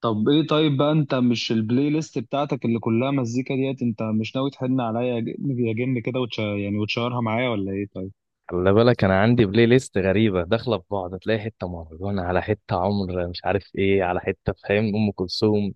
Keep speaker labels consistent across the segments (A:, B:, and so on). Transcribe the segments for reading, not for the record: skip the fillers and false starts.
A: طب ايه؟ طيب بقى، انت مش البلاي ليست بتاعتك اللي كلها مزيكا ديت؟ انت مش ناوي تحن عليا يا جن يا جن كده، يعني وتشيرها معايا ولا ايه؟ طيب.
B: خلي بالك، انا عندي بلاي ليست غريبه داخله في بعض، تلاقي حته مهرجان على حته عمر مش عارف ايه على حته، فاهم؟ ام كلثوم.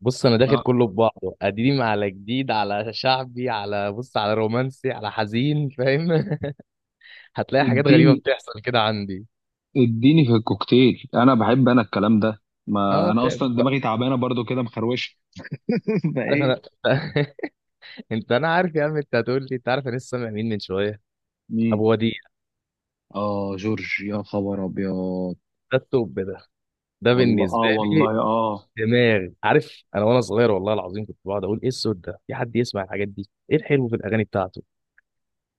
B: بص، انا داخل
A: اه.
B: كله في بعضه، قديم على جديد على شعبي على بص على رومانسي على حزين، فاهم؟ هتلاقي حاجات غريبه
A: اديني،
B: بتحصل كده عندي.
A: اديني في الكوكتيل، انا بحب الكلام ده. ما
B: اه،
A: انا
B: تعب.
A: اصلا دماغي تعبانه برضو كده، مخروشه.
B: عارف انا.
A: فايه؟
B: انا عارف يا عم، انت هتقول لي انت عارف، انا لسه سامع مين من شويه.
A: مين؟
B: ابو وديع.
A: اه جورج، يا خبر ابيض.
B: ده التوب ده. ده
A: والله اه،
B: بالنسبه لي.
A: والله اه.
B: دماغي. عارف انا وانا صغير والله العظيم كنت بقعد اقول ايه الصوت ده، في حد يسمع الحاجات دي؟ ايه الحلو في الاغاني بتاعته.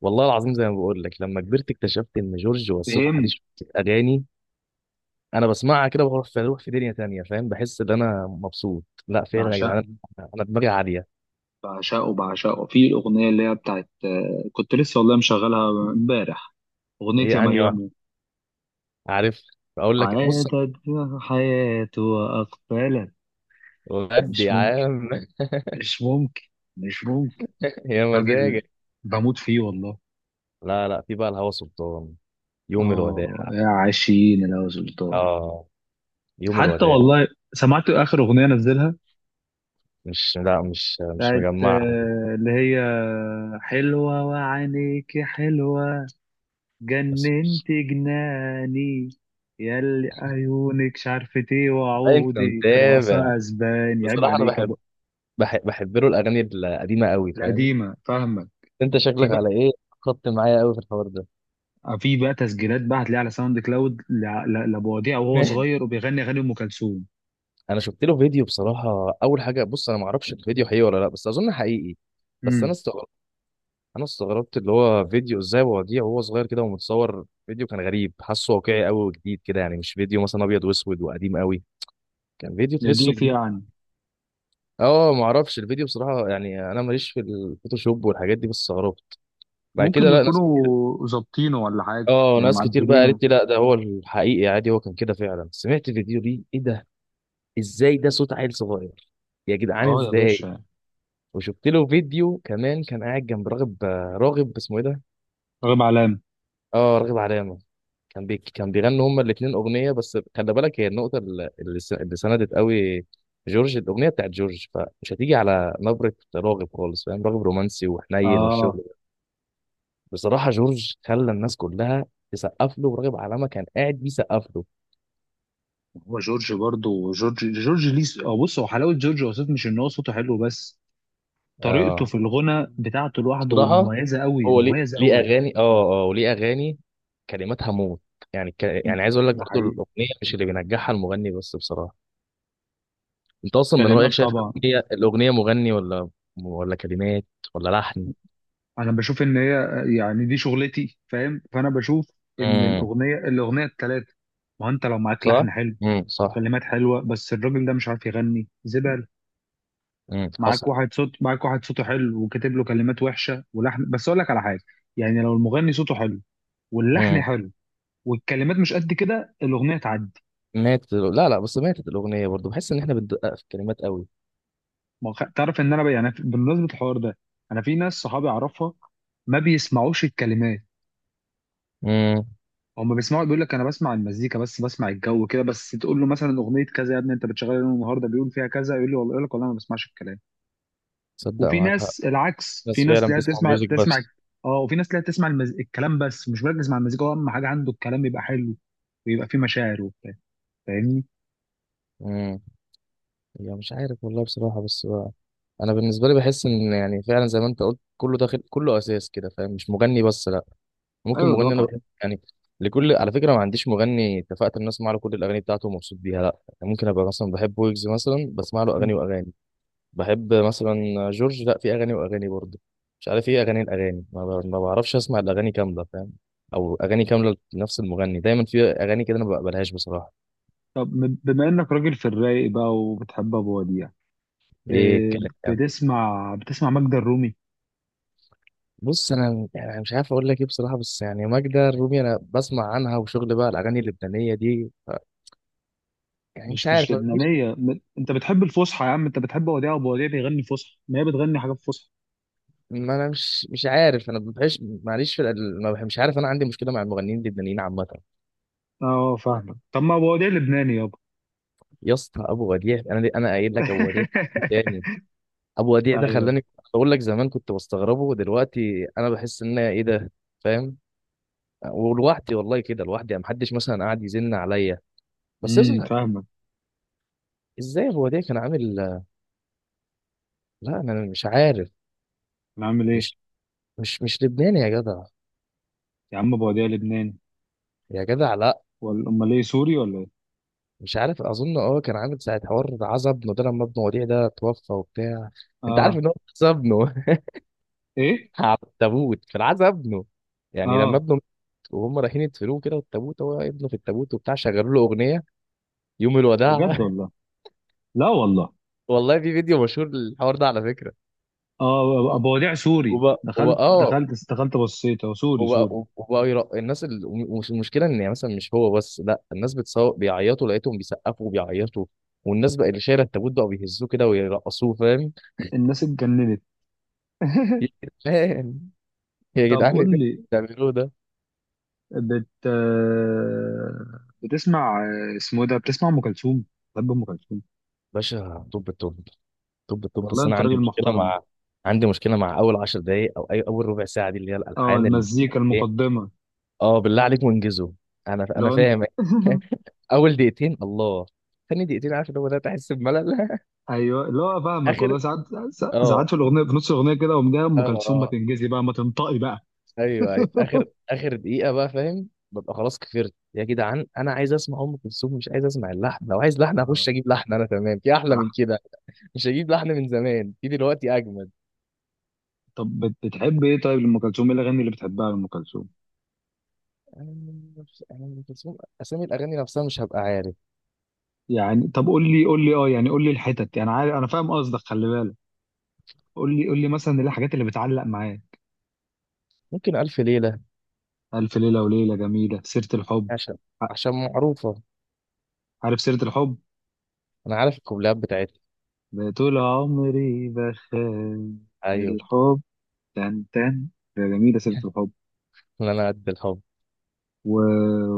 B: والله العظيم زي ما بقول لك، لما كبرت اكتشفت ان جورج وسوف عليه
A: فهم.
B: شويه اغاني. انا بسمعها كده، بروح في، بروح في دنيا تانية، فاهم؟ بحس ان انا مبسوط، لا فعلا يا
A: بعشقه،
B: جدعان. انا دماغي عاليه.
A: بعشقه، بعشقه في الاغنيه اللي هي بتاعت كنت لسه والله مشغلها امبارح، اغنيه يا
B: ايه انهي واحد؟
A: مريم.
B: عارف، اقول لك بص.
A: عادت حياته وأقبلت، يعني
B: بجد
A: مش
B: يا
A: ممكن،
B: عم.
A: مش ممكن، مش ممكن.
B: يا
A: راجل،
B: مزاجك.
A: بموت فيه والله.
B: لا لا، في بقى الهوى سلطان. يوم
A: اه
B: الوداع.
A: يا عشرين لو سلطان.
B: اه. يوم
A: حتى
B: الوداع.
A: والله سمعت آخر أغنية نزلها،
B: مش لا مش مش
A: بتاعت
B: مجمعها دي.
A: اللي هي حلوة وعينيكي حلوة،
B: بس
A: جننت جناني، ياللي عيونك مش عارفة ايه،
B: انت
A: وعودك رأس
B: متابع.
A: أسبان، عيب
B: بصراحه انا
A: عليك يا أبو.
B: بحب. بحب له الاغاني القديمه قوي، فاهم؟
A: القديمة، فاهمك.
B: انت
A: في
B: شكلك
A: بقى،
B: على ايه. خدت معايا قوي في الحوار ده.
A: في بقى تسجيلات بقى هتلاقيها على ساوند كلاود لابو وديع وهو صغير وبيغني اغاني ام كلثوم.
B: انا شفت له فيديو بصراحه. اول حاجه بص، انا ما اعرفش الفيديو حقيقي ولا لا، بس اظن حقيقي. بس انا
A: امم،
B: استغربت. انا استغربت، اللي هو فيديو ازاي وديع وهو صغير كده ومتصور فيديو، كان غريب، حاسه واقعي قوي وجديد كده، يعني مش فيديو مثلا ابيض واسود وقديم قوي. كان فيديو تحسه
A: دي في
B: جديد.
A: يعني،
B: اه، ما اعرفش الفيديو بصراحه، يعني انا ماليش في الفوتوشوب والحاجات دي، بس استغربت. بعد
A: ممكن
B: كده لا، ناس.
A: يكونوا ظابطينه ولا حاجه
B: اه،
A: يعني،
B: ناس كتير بقى
A: معدلينه.
B: قالت لي لا ده هو الحقيقي عادي، هو كان كده فعلا. سمعت فيديو ليه، ايه ده؟ ازاي ده صوت عيل صغير. يا جدعان
A: اه يا
B: ازاي.
A: باشا.
B: وشفت له فيديو كمان كان قاعد جنب راغب. راغب اسمه ايه ده؟
A: راغب علام.
B: اه، راغب علامة. كان بيغنوا هما الاتنين اغنية، بس خلي بالك هي النقطة اللي سندت قوي. جورج. الاغنية بتاعت جورج، فمش هتيجي على نبرة راغب خالص، فاهم؟ راغب رومانسي وحنين والشغل
A: اه.
B: ده. بصراحة جورج خلى الناس كلها تسقف له، وراغب علامة كان قاعد بيسقف له.
A: هو جورج برضه، جورج ليه س- آه، بص، هو حلاوه جورج وسوف مش ان هو صوته حلو بس، طريقته
B: اه.
A: في الغنى بتاعته لوحده
B: بصراحة.
A: مميزه قوي،
B: هو ليه،
A: مميزه
B: ليه
A: قوي.
B: أغاني، وليه أغاني كلماتها موت. يعني عايز أقول لك
A: ده
B: برضو،
A: حقيقي.
B: الأغنية مش اللي بينجحها المغني بس، بصراحة. أنت أصلا من
A: كلمات
B: رأيك شايف
A: طبعا.
B: الأغنية، الأغنية مغني ولا، ولا كلمات، ولا لحن؟
A: انا بشوف ان هي، يعني دي شغلتي فاهم، فانا بشوف ان
B: امم
A: الاغنيه، الثلاثه. ما هو انت لو معاك
B: صح.
A: لحن حلو
B: صح.
A: وكلمات حلوه بس الراجل ده مش عارف يغني، زبال.
B: حصل.
A: معاك واحد صوت، معاك واحد صوته حلو وكاتب له كلمات وحشه ولحن، بس اقول لك على حاجه، يعني لو المغني صوته حلو واللحن
B: امم
A: حلو والكلمات مش قد كده، الاغنيه تعدي.
B: ماتت. لا لا، بس ماتت الأغنية برضو. بحس إن إحنا بندقق في الكلمات قوي.
A: ما هو تعرف ان يعني بمناسبه الحوار ده، انا في ناس صحابي اعرفها ما بيسمعوش الكلمات،
B: امم.
A: هم بيسمعوا، بيقول لك انا بسمع المزيكا بس، بسمع الجو كده بس، تقول له مثلا اغنيه كذا، يا ابني انت بتشغلها يوم النهارده بيقول فيها كذا، يقول لي والله، يقول لك والله ما بسمعش الكلام.
B: صدق،
A: وفي
B: معاك حق.
A: ناس العكس، في
B: بس
A: ناس
B: فعلا
A: تلاقيها
B: بتسمع
A: تسمع،
B: ميوزك
A: تسمع.
B: بس.
A: اه، وفي ناس تلاقيها تسمع الكلام بس، مش مركز مع المزيكا، هو اهم حاجه عنده الكلام يبقى حلو ويبقى فيه مشاعر وبتاع. فاهمني؟
B: امم. يعني مش عارف والله بصراحة، بس بقى. أنا بالنسبة لي بحس إن، يعني فعلا زي ما أنت قلت، كله داخل كله، أساس كده، فاهم؟ مش مغني بس، لأ. ممكن
A: ايوه
B: مغني، أنا
A: طبعا.
B: بحب يعني. لكل على فكرة، ما عنديش مغني اتفقت إن أسمع له كل الأغاني بتاعته ومبسوط بيها، لأ. يعني ممكن أبقى مثلا بحب ويجز مثلا، بسمع له أغاني
A: مم.
B: وأغاني. بحب مثلا جورج. لأ، في أغاني وأغاني برضه. مش عارف إيه أغاني الأغاني. ما بعرفش أسمع الأغاني كاملة، فاهم؟ أو أغاني كاملة لنفس المغني. دايما في أغاني كده أنا ما بقبلهاش بصراحة.
A: طب بما انك راجل في الرايق بقى وبتحب ابو وديع،
B: إيه
A: إيه،
B: الكلام.
A: بتسمع، بتسمع ماجدة الرومي؟
B: بص انا يعني مش عارف اقول لك ايه بصراحه، بس يعني ماجدة الرومي انا بسمع عنها، وشغل بقى الاغاني اللبنانيه دي ف-، يعني مش
A: مش مش
B: عارف، ما بتجيش.
A: لبنانيه، انت بتحب الفصحى يا عم، انت بتحب وديع، ابو وديع بيغني فصحى، ما هي بتغني حاجات فصحى.
B: ما انا مش عارف، انا ما بحبش معلش في ال- ما بح- مش عارف، انا عندي مشكله مع المغنيين اللبنانيين عامه.
A: اه فاهمك، طب ما ابو وديع لبناني يابا.
B: يا اسطى ابو وديع، انا قايل لك ابو وديع تاني. ابو وديع ده
A: ايوه.
B: خلاني اقول لك. زمان كنت بستغربه، ودلوقتي انا بحس ان أنا، ايه ده؟ فاهم؟ ولوحدي والله كده لوحدي، يعني محدش مثلا قاعد يزن عليا. بس يا اسطى يعني.
A: فاهمك.
B: ازاي ابو وديع كان عامل؟ لا انا مش عارف.
A: انا عامل ايه؟
B: مش لبناني يا جدع.
A: يا عم ابو وديع لبناني،
B: يا جدع لا.
A: ولا امال ايه؟ سوري ولا ايه؟
B: مش عارف، اظن اه. كان عامل ساعه، حوار عزا ابنه ده لما ابنه وديع ده توفى وبتاع. انت عارف
A: اه.
B: ان هو عزا ابنه؟
A: ايه.
B: على التابوت في العزا ابنه. يعني لما
A: اه.
B: ابنه مات وهم رايحين يدفنوه كده، والتابوت هو ابنه في التابوت وبتاع، شغلوا له اغنيه يوم
A: بجد
B: الوداع.
A: والله؟ لا والله.
B: والله في فيديو مشهور للحوار ده على فكره.
A: اه ابو وديع سوري،
B: وبقى
A: دخلت،
B: اه.
A: دخلت، دخلت، بصيت هو سوري،
B: وبقى
A: سوري.
B: وبقى يرق... الناس ال... ومش- المشكله ان يعني مثلا مش هو بس، لا الناس بتصور بيعيطوا، لقيتهم بيسقفوا وبيعيطوا، والناس بقى اللي شايله التابوت بقى بيهزوه كده ويرقصوه، فاهم؟
A: الناس اتجننت.
B: يا جدعان، يا
A: طب
B: جدعان، إيه اللي
A: قول لي،
B: بتعملوه ده؟
A: بت آه، بتسمع، اسمه إيه ده، بتسمع ام كلثوم؟ بحب ام كلثوم
B: باشا. طب
A: والله،
B: بس انا
A: انت
B: عندي
A: راجل
B: مشكله
A: محترم.
B: مع، عندي مشكله مع اول 10 دقائق او اي اول ربع ساعه دي، اللي هي
A: اه
B: الالحان اللي،
A: المزيكا
B: ايه.
A: المقدمه،
B: اه بالله عليك وانجزوا. انا
A: لون.
B: فاهم. اول دقيقتين الله، ثاني دقيقتين، عارف اللي هو ده، تحس بملل.
A: ايوه، لا فاهمك
B: اخر.
A: والله. ساعات، ساعات، ساعات
B: اه
A: في الاغنيه، في نص الاغنيه كده قوم جاي، ام
B: اه.
A: كلثوم ما
B: آه.
A: تنجزي بقى، ما تنطقي بقى.
B: ايوه اخر، اخر دقيقه بقى، فاهم؟ ببقى خلاص كفرت يا جدعان، انا عايز اسمع ام كلثوم، مش عايز اسمع اللحن. لو عايز لحن اخش
A: اه.
B: اجيب لحن انا، تمام، في احلى من
A: صح.
B: كده. مش هجيب لحن من زمان في دلوقتي اجمد.
A: طب بتحب ايه طيب لام كلثوم، ايه الاغاني اللي بتحبها لام كلثوم؟
B: انا مش- أنا ام كلثوم اسامي الاغاني نفسها مش هبقى عارف.
A: يعني طب قول لي، قول لي اه، يعني قول لي الحتت، يعني عارف، انا فاهم قصدك، خلي بالك، قول لي، قول لي مثلا ايه الحاجات اللي بتعلق معايا.
B: ممكن الف ليله،
A: الف ليله وليله، جميله، سيره الحب.
B: عشان، عشان معروفه.
A: عارف سيرة الحب،
B: انا عارف الكوبليهات بتاعتها.
A: طول عمري بخاف من
B: ايوه.
A: الحب، تن تن، ده جميلة سيرة الحب.
B: إن انا قد الحب.
A: و...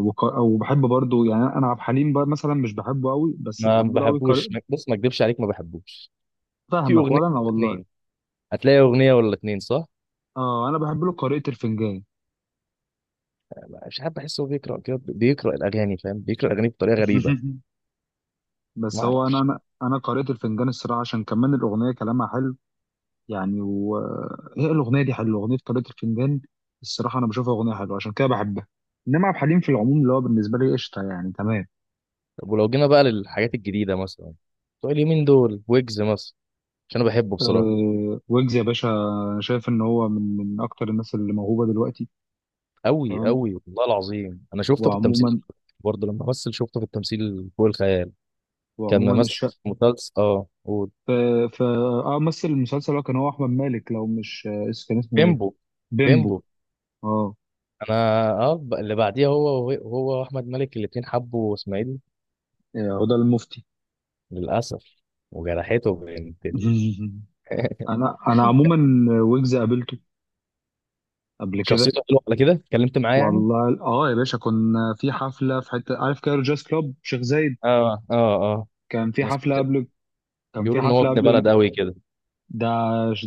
A: وبحب برضو، يعني انا عبد الحليم بقى مثلا مش بحبه قوي، بس
B: ما
A: بحب له قوي قارئ.
B: بحبوش. بص، ما اكدبش عليك ما بحبوش. في
A: فاهمك،
B: اغنيه،
A: ولا انا والله.
B: اتنين. هتلاقي اغنيه ولا اتنين، صح؟
A: اه، انا بحب له قارئة الفنجان.
B: مش عارف، بحسه هو بيقرا كده، بيقرا الاغاني، فاهم؟ بيقرا الاغاني بطريقه غريبه. ما
A: بس هو انا
B: اعرفش.
A: انا انا قارئة الفنجان الصراحة عشان كمان الاغنية كلامها حلو، يعني، وهي الاغنية دي حلوة، اغنية قارئة الفنجان الصراحة انا بشوفها اغنية حلوة، عشان كده بحبها. انما عبد الحليم في العموم اللي هو بالنسبة لي قشطة، يعني تمام.
B: طب ولو جينا بقى للحاجات الجديده مثلا، بتوع اليومين دول، ويجز مثلا، عشان انا بحبه بصراحه.
A: أه ويجز يا باشا، أنا شايف ان هو من اكتر الناس اللي موهوبه دلوقتي.
B: قوي
A: تمام.
B: قوي، والله العظيم. انا شفته في التمثيل.
A: وعموما،
B: برضه لما مثل شفته في التمثيل فوق الخيال. كان
A: وعموما
B: ممثل
A: الشق.
B: في مسلسل، اه، قول.
A: ف ف اه، مثل المسلسل، هو كان، هو احمد مالك لو مش كان اسمه ايه؟
B: بيمبو.
A: بيمبو.
B: بيمبو.
A: اه.
B: انا اه. اللي بعديها هو، هو واحمد مالك الاتنين حبوا اسماعيل
A: هدى المفتي.
B: للاسف، وجرحته
A: انا عموما، ويجز قابلته قبل كده.
B: شخصيته حلوه، على كده اتكلمت معاه يعني.
A: والله اه يا باشا، كنا في حفله في حته، عارف كايرو جاز كلوب شيخ زايد؟
B: اه.
A: كان في
B: ناس
A: حفله قبل، كان في
B: بيقولوا ان هو
A: حفله
B: ابن
A: قبل
B: بلد
A: ال-.
B: قوي كده.
A: ده،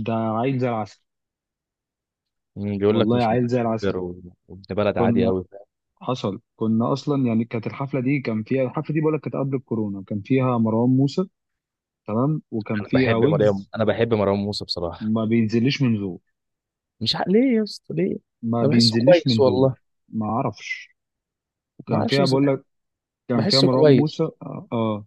A: ده عيل زي العسل.
B: مم، بيقول لك
A: والله
B: مش
A: عيل زي العسل.
B: متكبر و-، وابن بلد عادي
A: كنا،
B: قوي.
A: حصل كنا اصلا يعني، كانت الحفله دي كان فيها، الحفله دي بقولك كانت قبل الكورونا، كان فيها مروان موسى تمام، وكان
B: انا
A: فيها
B: بحب مريم،
A: ويجز.
B: انا بحب مروان موسى بصراحه.
A: ما بينزلش من زور،
B: مش عارف ليه يا اسطى، ليه.
A: ما
B: انا بحسه
A: بينزلش
B: كويس
A: من
B: والله.
A: زور. ما اعرفش.
B: ما
A: وكان
B: اعرفش.
A: فيها
B: بس
A: بقولك، كان فيها
B: بحسه
A: مروان موسى
B: كويس.
A: اه،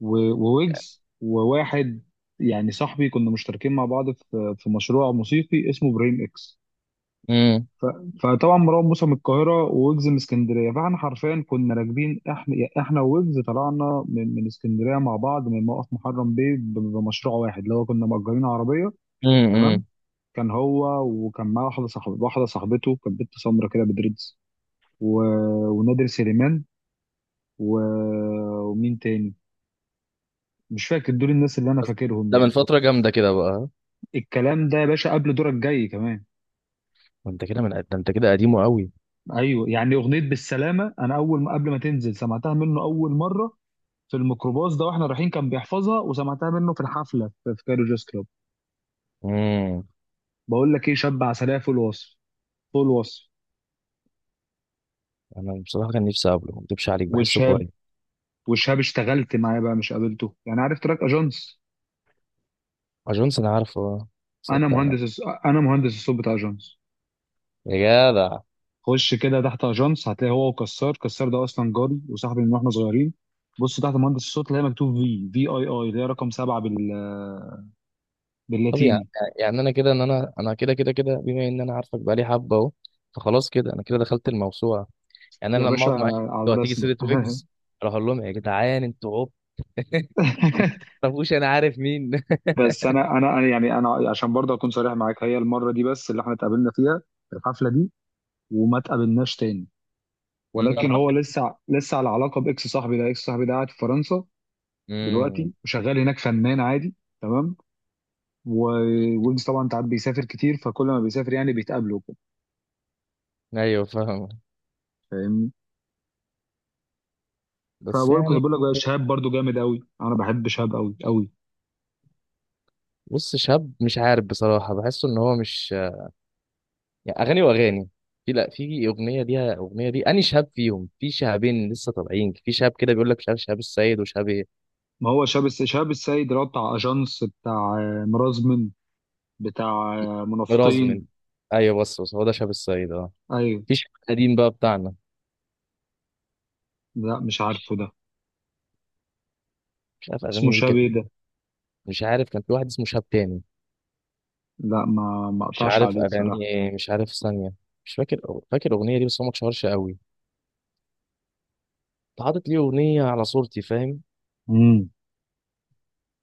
A: و- وويجز وواحد يعني صاحبي، كنا مشتركين مع بعض في مشروع موسيقي اسمه برين اكس.
B: امم.
A: ف- فطبعا مروان موسى من القاهره وويجز من اسكندريه، فاحنا حرفيا كنا راكبين احنا، وويجز طلعنا من اسكندريه مع بعض من موقف محرم بيه بمشروع واحد، اللي هو كنا مأجرين عربيه. تمام.
B: امم.
A: كان هو، وكان معاه واحده صاحبته، واحده صاحبته كانت بنت سمرا كده بدريدز، و... ونادر سليمان، و... ومين تاني، مش فاكر. دول الناس اللي انا
B: بس
A: فاكرهم
B: ده من
A: يعني.
B: فتره جامده كده بقى.
A: الكلام ده يا باشا قبل دورك جاي كمان.
B: ما انت كده من ده، انت كده قديمه قوي.
A: ايوه، يعني اغنيه بالسلامه انا اول ما، قبل ما تنزل سمعتها منه اول مره في الميكروباص ده واحنا رايحين، كان بيحفظها، وسمعتها منه في الحفله في في كايرو جاز كلوب.
B: امم.
A: بقول لك ايه، شاب عسليه فوق الوصف، فوق الوصف.
B: انا بصراحه كان نفسي اقابله، ما اكدبش عليك بحسه
A: وشاب،
B: كويس.
A: وشاب اشتغلت معاه بقى مش قابلته، يعني عارف تراك اجانس؟
B: اجونس انا عارفه اه.
A: انا
B: صدق.
A: مهندس، انا مهندس الصوت بتاع اجانس.
B: يا جدع.
A: خش كده تحت اجانس هتلاقي هو وكسار، كسار ده اصلا جاري وصاحبي من واحنا صغيرين. بص تحت مهندس الصوت، اللي هي مكتوب في اي اي، اللي هي رقم 7 بال،
B: طب يعني،
A: باللاتيني.
B: يعني انا كده، ان انا، انا كده بما ان انا عارفك بقالي حبه اهو، فخلاص كده انا كده دخلت الموسوعه. يعني
A: يا
B: انا لما
A: باشا
B: اقعد معاك
A: على
B: لو هتيجي
A: راسنا.
B: سيره ويجز، اروح اقول لهم يا جدعان انتوا عب، انتوا ما تعرفوش انا عارف مين.
A: بس انا انا أنا يعني، انا عشان برضه اكون صريح معاك، هي المره دي بس اللي احنا اتقابلنا فيها في الحفله دي، وما اتقابلناش تاني، ولكن
B: امم.
A: هو لسه، لسه على علاقه باكس صاحبي ده، اكس صاحبي ده قاعد في فرنسا
B: امم.
A: دلوقتي وشغال هناك فنان عادي. تمام. ويجز طبعا انت عارف بيسافر كتير، فكل ما بيسافر يعني بيتقابلوا وكده.
B: ايوه فاهم.
A: فاهمني؟
B: بس
A: فبقول، كنت
B: يعني.
A: بقول لك بقى، شهاب برضه جامد قوي، انا بحب شهاب قوي قوي.
B: بص، شاب مش عارف بصراحه، بحسه ان هو مش، يعني اغاني واغاني. في، لا في اغنيه ليها، اغنيه دي اني شاب فيهم، في شهابين لسه طالعين، في شاب كده بيقول لك مش عارف شهاب السيد وشهاب ايه.
A: ما هو شهاب السيد اللي هو بتاع اجانس، بتاع مرازمن، بتاع منافقين.
B: رازمن. ايوه، بس هو ده شهاب السيد، اه.
A: ايوه.
B: مفيش قديم بقى بتاعنا.
A: لا مش عارفه ده،
B: مش عارف
A: اسمه
B: اغاني ليه
A: شاب
B: كانت إيه.
A: ده.
B: مش عارف، كان في واحد اسمه شهاب تاني.
A: لا ما، ما
B: مش
A: اقطعش
B: عارف
A: عليه
B: اغاني
A: الصراحه.
B: إيه، مش عارف ثانيه. مش فاكر. فاكر اغنيه دي بس هو ما اتشهرش قوي. انت حاطط ليه اغنيه على صورتي، فاهم؟
A: امم.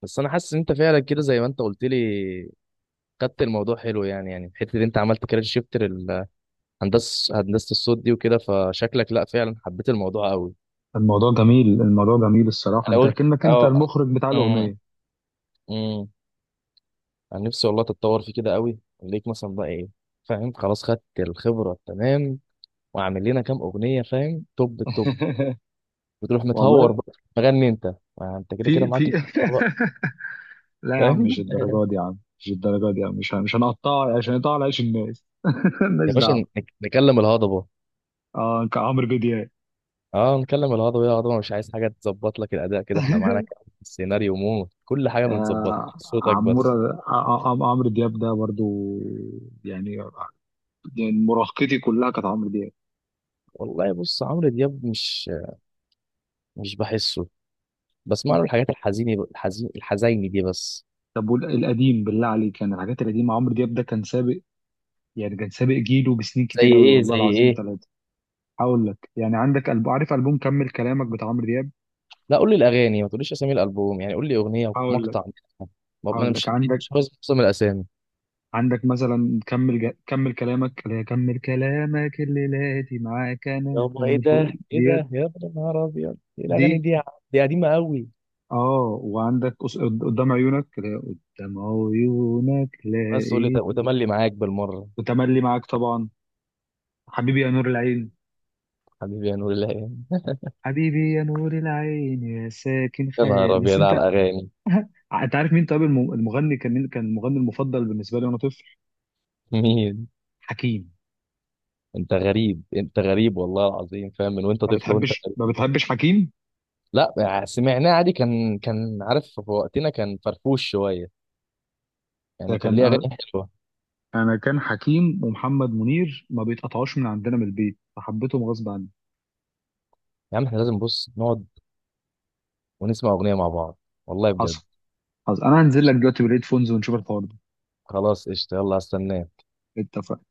B: بس انا حاسس ان انت فعلا كده زي ما انت قلت لي، خدت الموضوع حلو، يعني يعني الحته اللي انت عملت كارير شيفت، هندسه الصوت دي وكده، فشكلك لا فعلا حبيت الموضوع قوي.
A: الموضوع جميل، الموضوع جميل الصراحه،
B: انا
A: انت
B: قلت
A: كأنك انت
B: اه.
A: المخرج بتاع
B: امم.
A: الاغنيه.
B: امم. انا نفسي والله تتطور في كده قوي، ليك مثلا بقى ايه، فاهم؟ خلاص خدت الخبره تمام، واعمل لنا كام اغنيه، فاهم؟ توب التوب، وتروح متهور
A: والله
B: بقى مغني انت. ما انت كده كده
A: في
B: معاك
A: في
B: الخبرة بقى،
A: لا يا عم
B: فاهم؟
A: مش الدرجه دي يا عم، مش الدرجه دي يا عم، مش، مش هنقطع عشان يقطع على عيش الناس. مالناش
B: يا باشا،
A: دعوه.
B: نكلم الهضبه.
A: اه كعمرو دياب.
B: اه، نكلم الهضبه، يا هضبه مش عايز حاجه تظبط لك الاداء كده، احنا معانا كام سيناريو موت، كل حاجه متظبطه، صوتك بس.
A: عمرو دياب ده برضو يعني، يعني مراهقتي كلها كانت عمرو دياب.
B: والله بص عمرو دياب مش، بحسه، بسمع له الحاجات الحزيني، الحزيني دي بس.
A: طب والقديم بالله عليك، يعني الحاجات القديمة، عمرو دياب ده كان سابق، يعني كان سابق جيله بسنين
B: زي
A: كتير قوي
B: ايه
A: والله
B: زي
A: العظيم
B: ايه
A: ثلاثة. هقول لك، يعني عندك عارف ألبوم كمل كلامك بتاع عمرو دياب؟
B: لا قول لي الاغاني، ما تقوليش اسامي الالبوم، يعني قول لي اغنيه
A: هقول لك،
B: ومقطع منها. ما انا
A: هقول لك،
B: مش
A: عندك،
B: مش حافظ معظم الاسامي.
A: عندك مثلا كمل كمل كلامك، اللي هي كمل كلامك اللي لاتي معاك انا،
B: يابا ايه
A: كمل
B: ده. ايه ده
A: ديت،
B: يا ابن النهار ابيض، ايه
A: دي.
B: الاغاني دي يا عم؟ دي قديمه قوي.
A: اه، وعندك قدام عيونك، اللي هي قدام عيونك
B: بس تقول لي ت-،
A: لقيت،
B: وتملي معاك بالمره.
A: وتملي معاك طبعا. حبيبي يا نور العين،
B: حبيبي يا نور الله،
A: حبيبي يا نور العين يا ساكن
B: يا
A: خيال
B: نهار
A: بس
B: ابيض على
A: انت.
B: الاغاني.
A: انت عارف مين طيب المغني كان، مين كان المغني المفضل بالنسبه لي وانا طفل؟
B: مين؟
A: حكيم.
B: انت غريب، انت غريب والله العظيم، فاهم؟ من وانت
A: ما
B: طفل وانت
A: بتحبش، ما
B: غريب.
A: بتحبش حكيم؟
B: لا يعني سمعناه عادي، كان كان عارف في وقتنا، كان فرفوش شويه،
A: ده
B: يعني كان
A: كان
B: ليه اغاني
A: انا،
B: حلوه.
A: انا كان حكيم ومحمد منير ما بيتقطعوش من عندنا من البيت، فحبيتهم غصب عني.
B: يا عم احنا لازم بص نقعد ونسمع اغنيه مع بعض، والله بجد.
A: حصل، حصل، انا هنزل لك دلوقتي بالهيدفونز ونشوف الحوار ده.
B: خلاص قشطه، يلا هستناك.
A: اتفقنا.